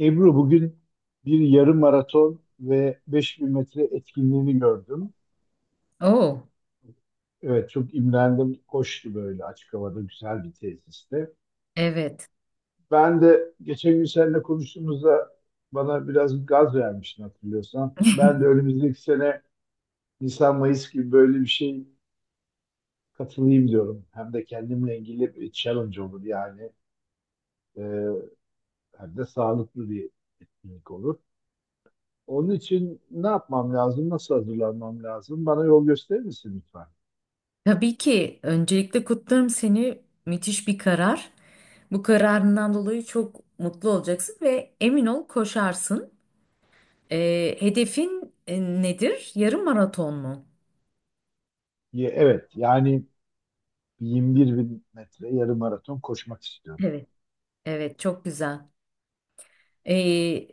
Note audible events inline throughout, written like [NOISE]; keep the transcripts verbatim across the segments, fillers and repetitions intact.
Ebru bugün bir yarım maraton ve beş bin metre etkinliğini gördüm. Oo, Evet, çok imrendim. Koştu böyle açık havada güzel bir tesiste. evet. Ben de geçen gün seninle konuştuğumuzda bana biraz gaz vermiştin, hatırlıyorsan. Ben de [LAUGHS] önümüzdeki sene Nisan-Mayıs gibi böyle bir şey katılayım diyorum. Hem de kendimle ilgili bir challenge olur yani. Ee, hem de sağlıklı bir etkinlik olur. Onun için ne yapmam lazım? Nasıl hazırlanmam lazım? Bana yol gösterir misin lütfen? Tabii ki öncelikle kutlarım seni. Müthiş bir karar. Bu kararından dolayı çok mutlu olacaksın ve emin ol koşarsın. Ee, hedefin e, nedir? Yarım maraton mu? Ye- Evet, yani yirmi bir bin metre yarım maraton koşmak istiyorum. Evet. Evet, çok güzel. Ee,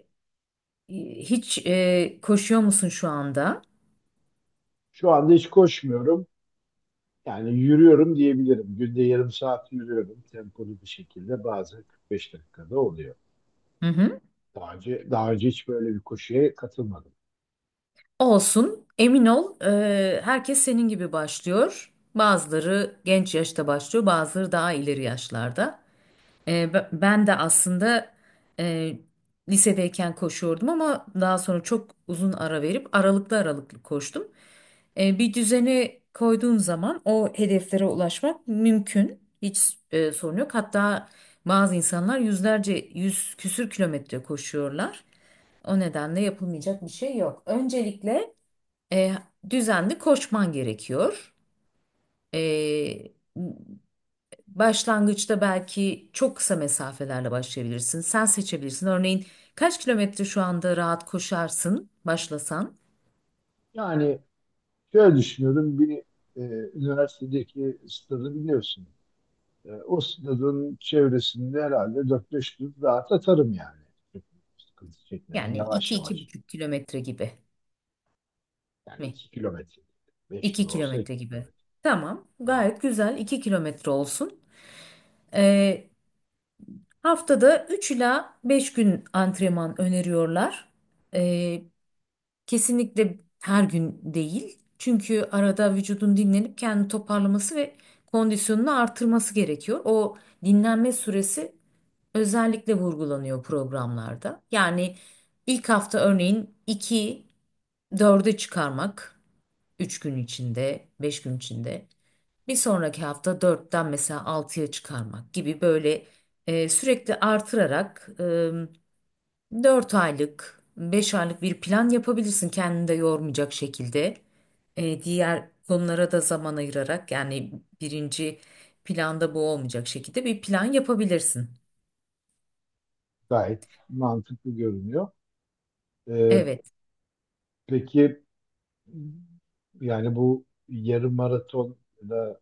Hiç e, koşuyor musun şu anda? Şu anda hiç koşmuyorum. Yani yürüyorum diyebilirim. Günde yarım saat yürüyorum. Tempolu bir şekilde bazen kırk beş dakikada oluyor. Hı hı. Daha önce, daha önce hiç böyle bir koşuya katılmadım. Olsun. Emin ol, e, herkes senin gibi başlıyor. Bazıları genç yaşta başlıyor, bazıları daha ileri yaşlarda. E, b- ben de aslında e, lisedeyken koşuyordum ama daha sonra çok uzun ara verip aralıklı aralıklı koştum. E, bir düzeni koyduğun zaman o hedeflere ulaşmak mümkün. Hiç e, sorun yok. Hatta bazı insanlar yüzlerce, yüz küsür kilometre koşuyorlar. O nedenle yapılmayacak bir şey yok. Öncelikle e, düzenli koşman gerekiyor. E, Başlangıçta belki çok kısa mesafelerle başlayabilirsin. Sen seçebilirsin. Örneğin kaç kilometre şu anda rahat koşarsın başlasan? Yani şöyle düşünüyorum. Bir e, üniversitedeki stadı biliyorsun. E, o sınırın çevresinde herhalde dört beş gün rahat atarım yani. Çok sıkıntı çekmeden, Yani yavaş iki iki yavaş. buçuk kilometre gibi Yani mi? iki kilometre. beş iki kilo olsa iki kilometre gibi. kilometre. Tamam, Evet, gayet güzel. İki kilometre olsun. Ee, Haftada üç ila beş gün antrenman öneriyorlar. Ee, Kesinlikle her gün değil. Çünkü arada vücudun dinlenip kendini toparlaması ve kondisyonunu artırması gerekiyor. O dinlenme süresi özellikle vurgulanıyor programlarda. Yani ilk hafta örneğin iki dörde çıkarmak üç gün içinde, beş gün içinde. Bir sonraki hafta dörtten mesela altıya çıkarmak gibi böyle e, sürekli artırarak dört aylık, beş aylık bir plan yapabilirsin kendini de yormayacak şekilde. Ee, diğer konulara da zaman ayırarak yani birinci planda bu olmayacak şekilde bir plan yapabilirsin. gayet mantıklı görünüyor. E, Evet. peki yani bu yarım maraton da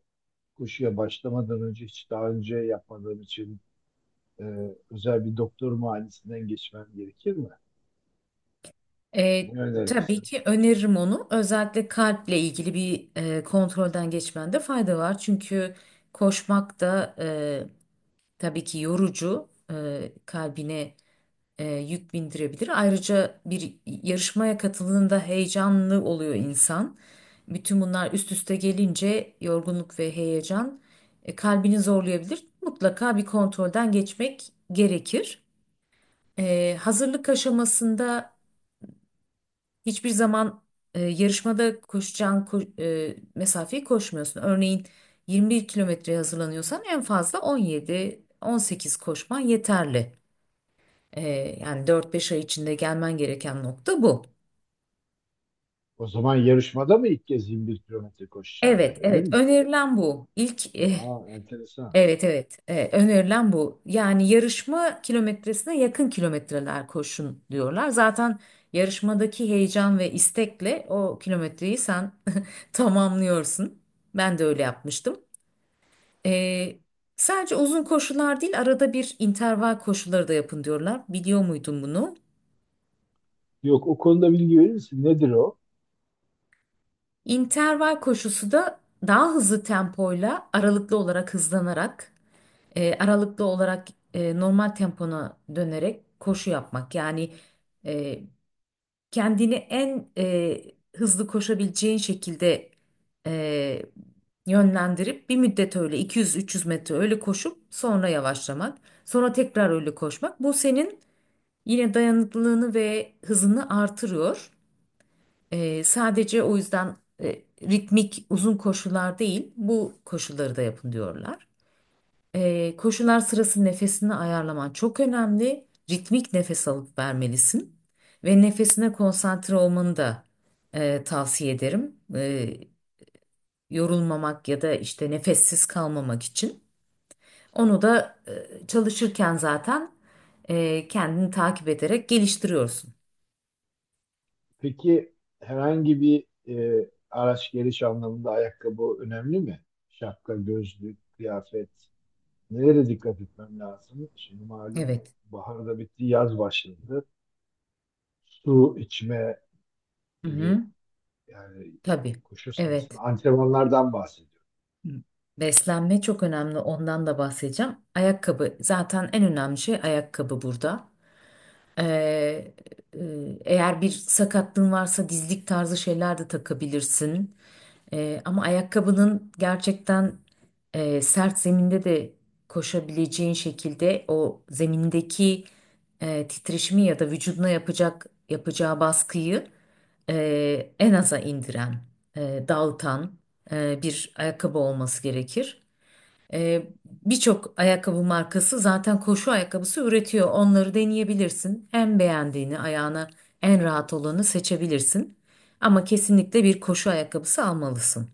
koşuya başlamadan önce hiç daha önce yapmadığım için e, özel bir doktor muayenesinden geçmem gerekir mi? Ee, Ne tabii önerirsin? ki öneririm onu. Özellikle kalple ilgili bir e, kontrolden geçmende fayda var. Çünkü koşmak da e, tabii ki yorucu. E, kalbine e, yük bindirebilir. Ayrıca bir yarışmaya katıldığında heyecanlı oluyor insan. Bütün bunlar üst üste gelince yorgunluk ve heyecan e, kalbini zorlayabilir. Mutlaka bir kontrolden geçmek gerekir. E, hazırlık aşamasında hiçbir zaman e, yarışmada koşacağın ko- e, mesafeyi koşmuyorsun. Örneğin yirmi bir kilometreye hazırlanıyorsan en fazla on yedi on sekiz koşman yeterli. Ee, yani dört beş ay içinde gelmen gereken nokta bu. O zaman yarışmada mı ilk kez yirmi bir kilometre koşacağım, Evet, yani öyle evet. mi? Önerilen bu. İlk eh, Aa, enteresan. Evet, evet. Eh, önerilen bu. Yani yarışma kilometresine yakın kilometreler koşun diyorlar. Zaten yarışmadaki heyecan ve istekle o kilometreyi sen [LAUGHS] tamamlıyorsun. Ben de öyle yapmıştım. Ee, Sadece uzun koşular değil, arada bir interval koşuları da yapın diyorlar. Biliyor muydun bunu? Yok, o konuda bilgi verir misin? Nedir o? İnterval koşusu da daha hızlı tempoyla aralıklı olarak hızlanarak, e, aralıklı olarak e, normal tempona dönerek koşu yapmak. Yani e, kendini en e, hızlı koşabileceğin şekilde e, yönlendirip bir müddet öyle iki yüz üç yüz metre öyle koşup sonra yavaşlamak, sonra tekrar öyle koşmak. Bu senin yine dayanıklılığını ve hızını artırıyor. Ee, sadece o yüzden e, ritmik uzun koşular değil, bu koşuları da yapın diyorlar. Ee, koşular sırası nefesini ayarlaman çok önemli. Ritmik nefes alıp vermelisin ve nefesine konsantre olmanı da e, tavsiye ederim. Ee, yorulmamak ya da işte nefessiz kalmamak için. Onu da e, çalışırken zaten e, kendini takip ederek geliştiriyorsun. Peki herhangi bir e, araç geliş anlamında ayakkabı önemli mi? Şapka, gözlük, kıyafet. Nelere dikkat etmem lazım? Şimdi malum, Evet. bahar da bitti, yaz başladı. Su içme Hı gibi, hı. yani Tabii. koşu sırasında Evet. antrenmanlardan bahsediyorum. Hı. Beslenme çok önemli. Ondan da bahsedeceğim. Ayakkabı zaten en önemli şey ayakkabı burada. Ee, e, Eğer bir sakatlığın varsa dizlik tarzı şeyler de takabilirsin. Ee, ama ayakkabının gerçekten e, sert zeminde de koşabileceğin şekilde o zemindeki e, titreşimi ya da vücuduna yapacak yapacağı baskıyı e, en aza indiren, e, dağıtan e, bir ayakkabı olması gerekir. Ee, birçok ayakkabı markası zaten koşu ayakkabısı üretiyor. Onları deneyebilirsin. En beğendiğini, ayağına en rahat olanı seçebilirsin. Ama kesinlikle bir koşu ayakkabısı almalısın.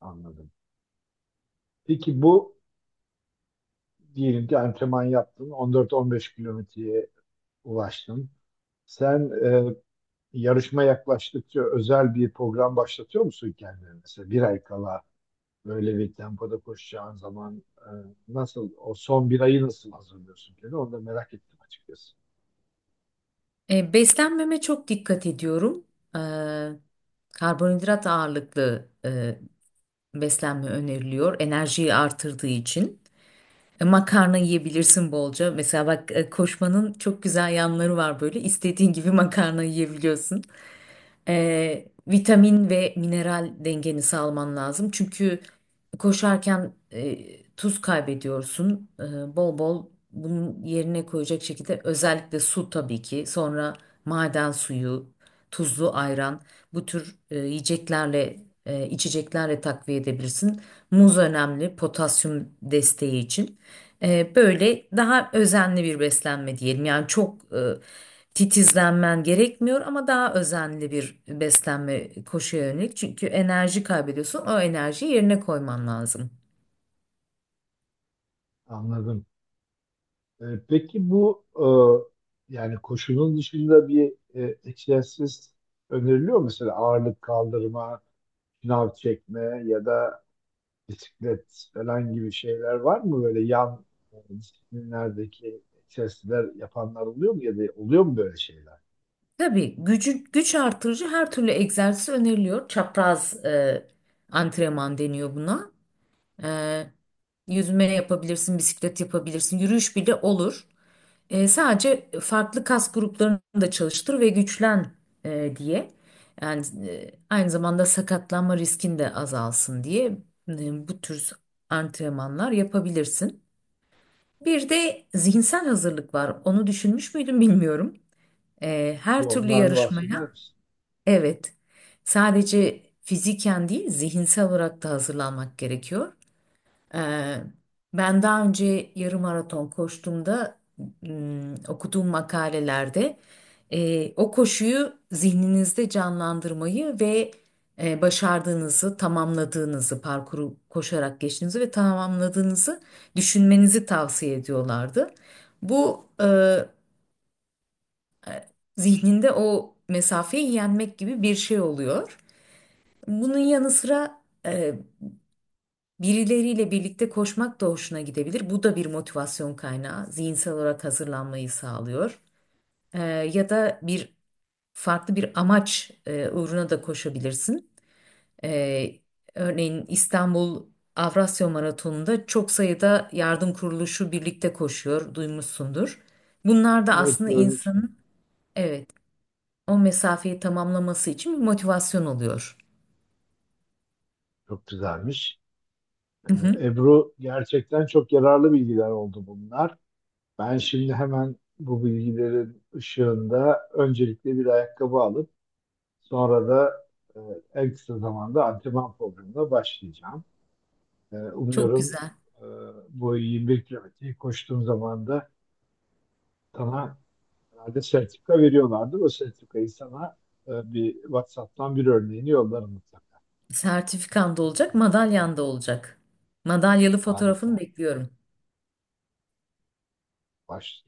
Anladım. Peki bu, diyelim ki antrenman yaptın. on dört on beş kilometreye ulaştın. Sen e, yarışma yaklaştıkça özel bir program başlatıyor musun kendine? Mesela bir ay kala böyle bir tempoda koşacağın zaman e, nasıl, o son bir ayı nasıl hazırlıyorsun kendine? Onu da merak ettim açıkçası. Ee, beslenmeme çok dikkat ediyorum. Ee, Karbonhidrat ağırlıklı e, beslenme öneriliyor. Enerjiyi artırdığı için. E, Makarna yiyebilirsin bolca. Mesela bak, e, koşmanın çok güzel yanları var böyle. İstediğin gibi [LAUGHS] makarna yiyebiliyorsun. Ee, vitamin ve mineral dengeni sağlaman lazım. Çünkü koşarken e, tuz kaybediyorsun. Ee, bol bol bunun yerine koyacak şekilde özellikle su tabii ki. Sonra maden suyu, tuzlu ayran bu tür e, yiyeceklerle e, içeceklerle takviye edebilirsin. Muz önemli potasyum desteği için. Ee, böyle daha özenli bir beslenme diyelim. Yani çok titizlenmen gerekmiyor ama daha özenli bir beslenme koşuya yönelik. Çünkü enerji kaybediyorsun. O enerjiyi yerine koyman lazım. Anladım. E, peki bu e, yani koşunun dışında bir e, egzersiz öneriliyor mu? Mesela ağırlık kaldırma, şınav çekme ya da bisiklet falan gibi şeyler var mı? Böyle yan e, disiplinlerdeki testler yapanlar oluyor mu ya da oluyor mu böyle şeyler? Tabii gücü, güç artırıcı her türlü egzersiz öneriliyor. Çapraz e, antrenman deniyor buna. E, Yüzme yapabilirsin, bisiklet yapabilirsin, yürüyüş bile olur. E, sadece farklı kas gruplarını da çalıştır ve güçlen e, diye. Yani e, aynı zamanda sakatlanma riskin de azalsın diye e, bu tür antrenmanlar yapabilirsin. Bir de zihinsel hazırlık var. Onu düşünmüş müydün bilmiyorum. E, Bir Her türlü ondan bahseder yarışmaya misin? evet, sadece fiziken değil zihinsel olarak da hazırlanmak gerekiyor. Ee, Ben daha önce yarım maraton koştuğumda ım, okuduğum makalelerde e, o koşuyu zihninizde canlandırmayı ve e, başardığınızı, tamamladığınızı, parkuru koşarak geçtiğinizi ve tamamladığınızı düşünmenizi tavsiye ediyorlardı. Bu e, zihninde o mesafeyi yenmek gibi bir şey oluyor. Bunun yanı sıra birileriyle birlikte koşmak da hoşuna gidebilir. Bu da bir motivasyon kaynağı. Zihinsel olarak hazırlanmayı sağlıyor. Ee, Ya da bir farklı bir amaç e, uğruna da koşabilirsin. Ee, Örneğin İstanbul Avrasya Maratonu'nda çok sayıda yardım kuruluşu birlikte koşuyor, duymuşsundur. Bunlar da Evet, aslında görmüştüm. insanın evet, o mesafeyi tamamlaması için bir motivasyon oluyor. Çok güzelmiş. E, Hı hı, Ebru gerçekten çok yararlı bilgiler oldu bunlar. Ben şimdi hemen bu bilgilerin ışığında öncelikle bir ayakkabı alıp sonra da e, en kısa zamanda antrenman programına başlayacağım. E, çok Umuyorum güzel. e, bu yirmi bir kilometreyi koştuğum zaman da sana herhalde sertifika veriyorlardı. O sertifikayı sana e, bir WhatsApp'tan bir örneğini yollarım mutlaka. Sertifikan da olacak, madalyan da olacak. Madalyalı fotoğrafını Harika. bekliyorum. Baş,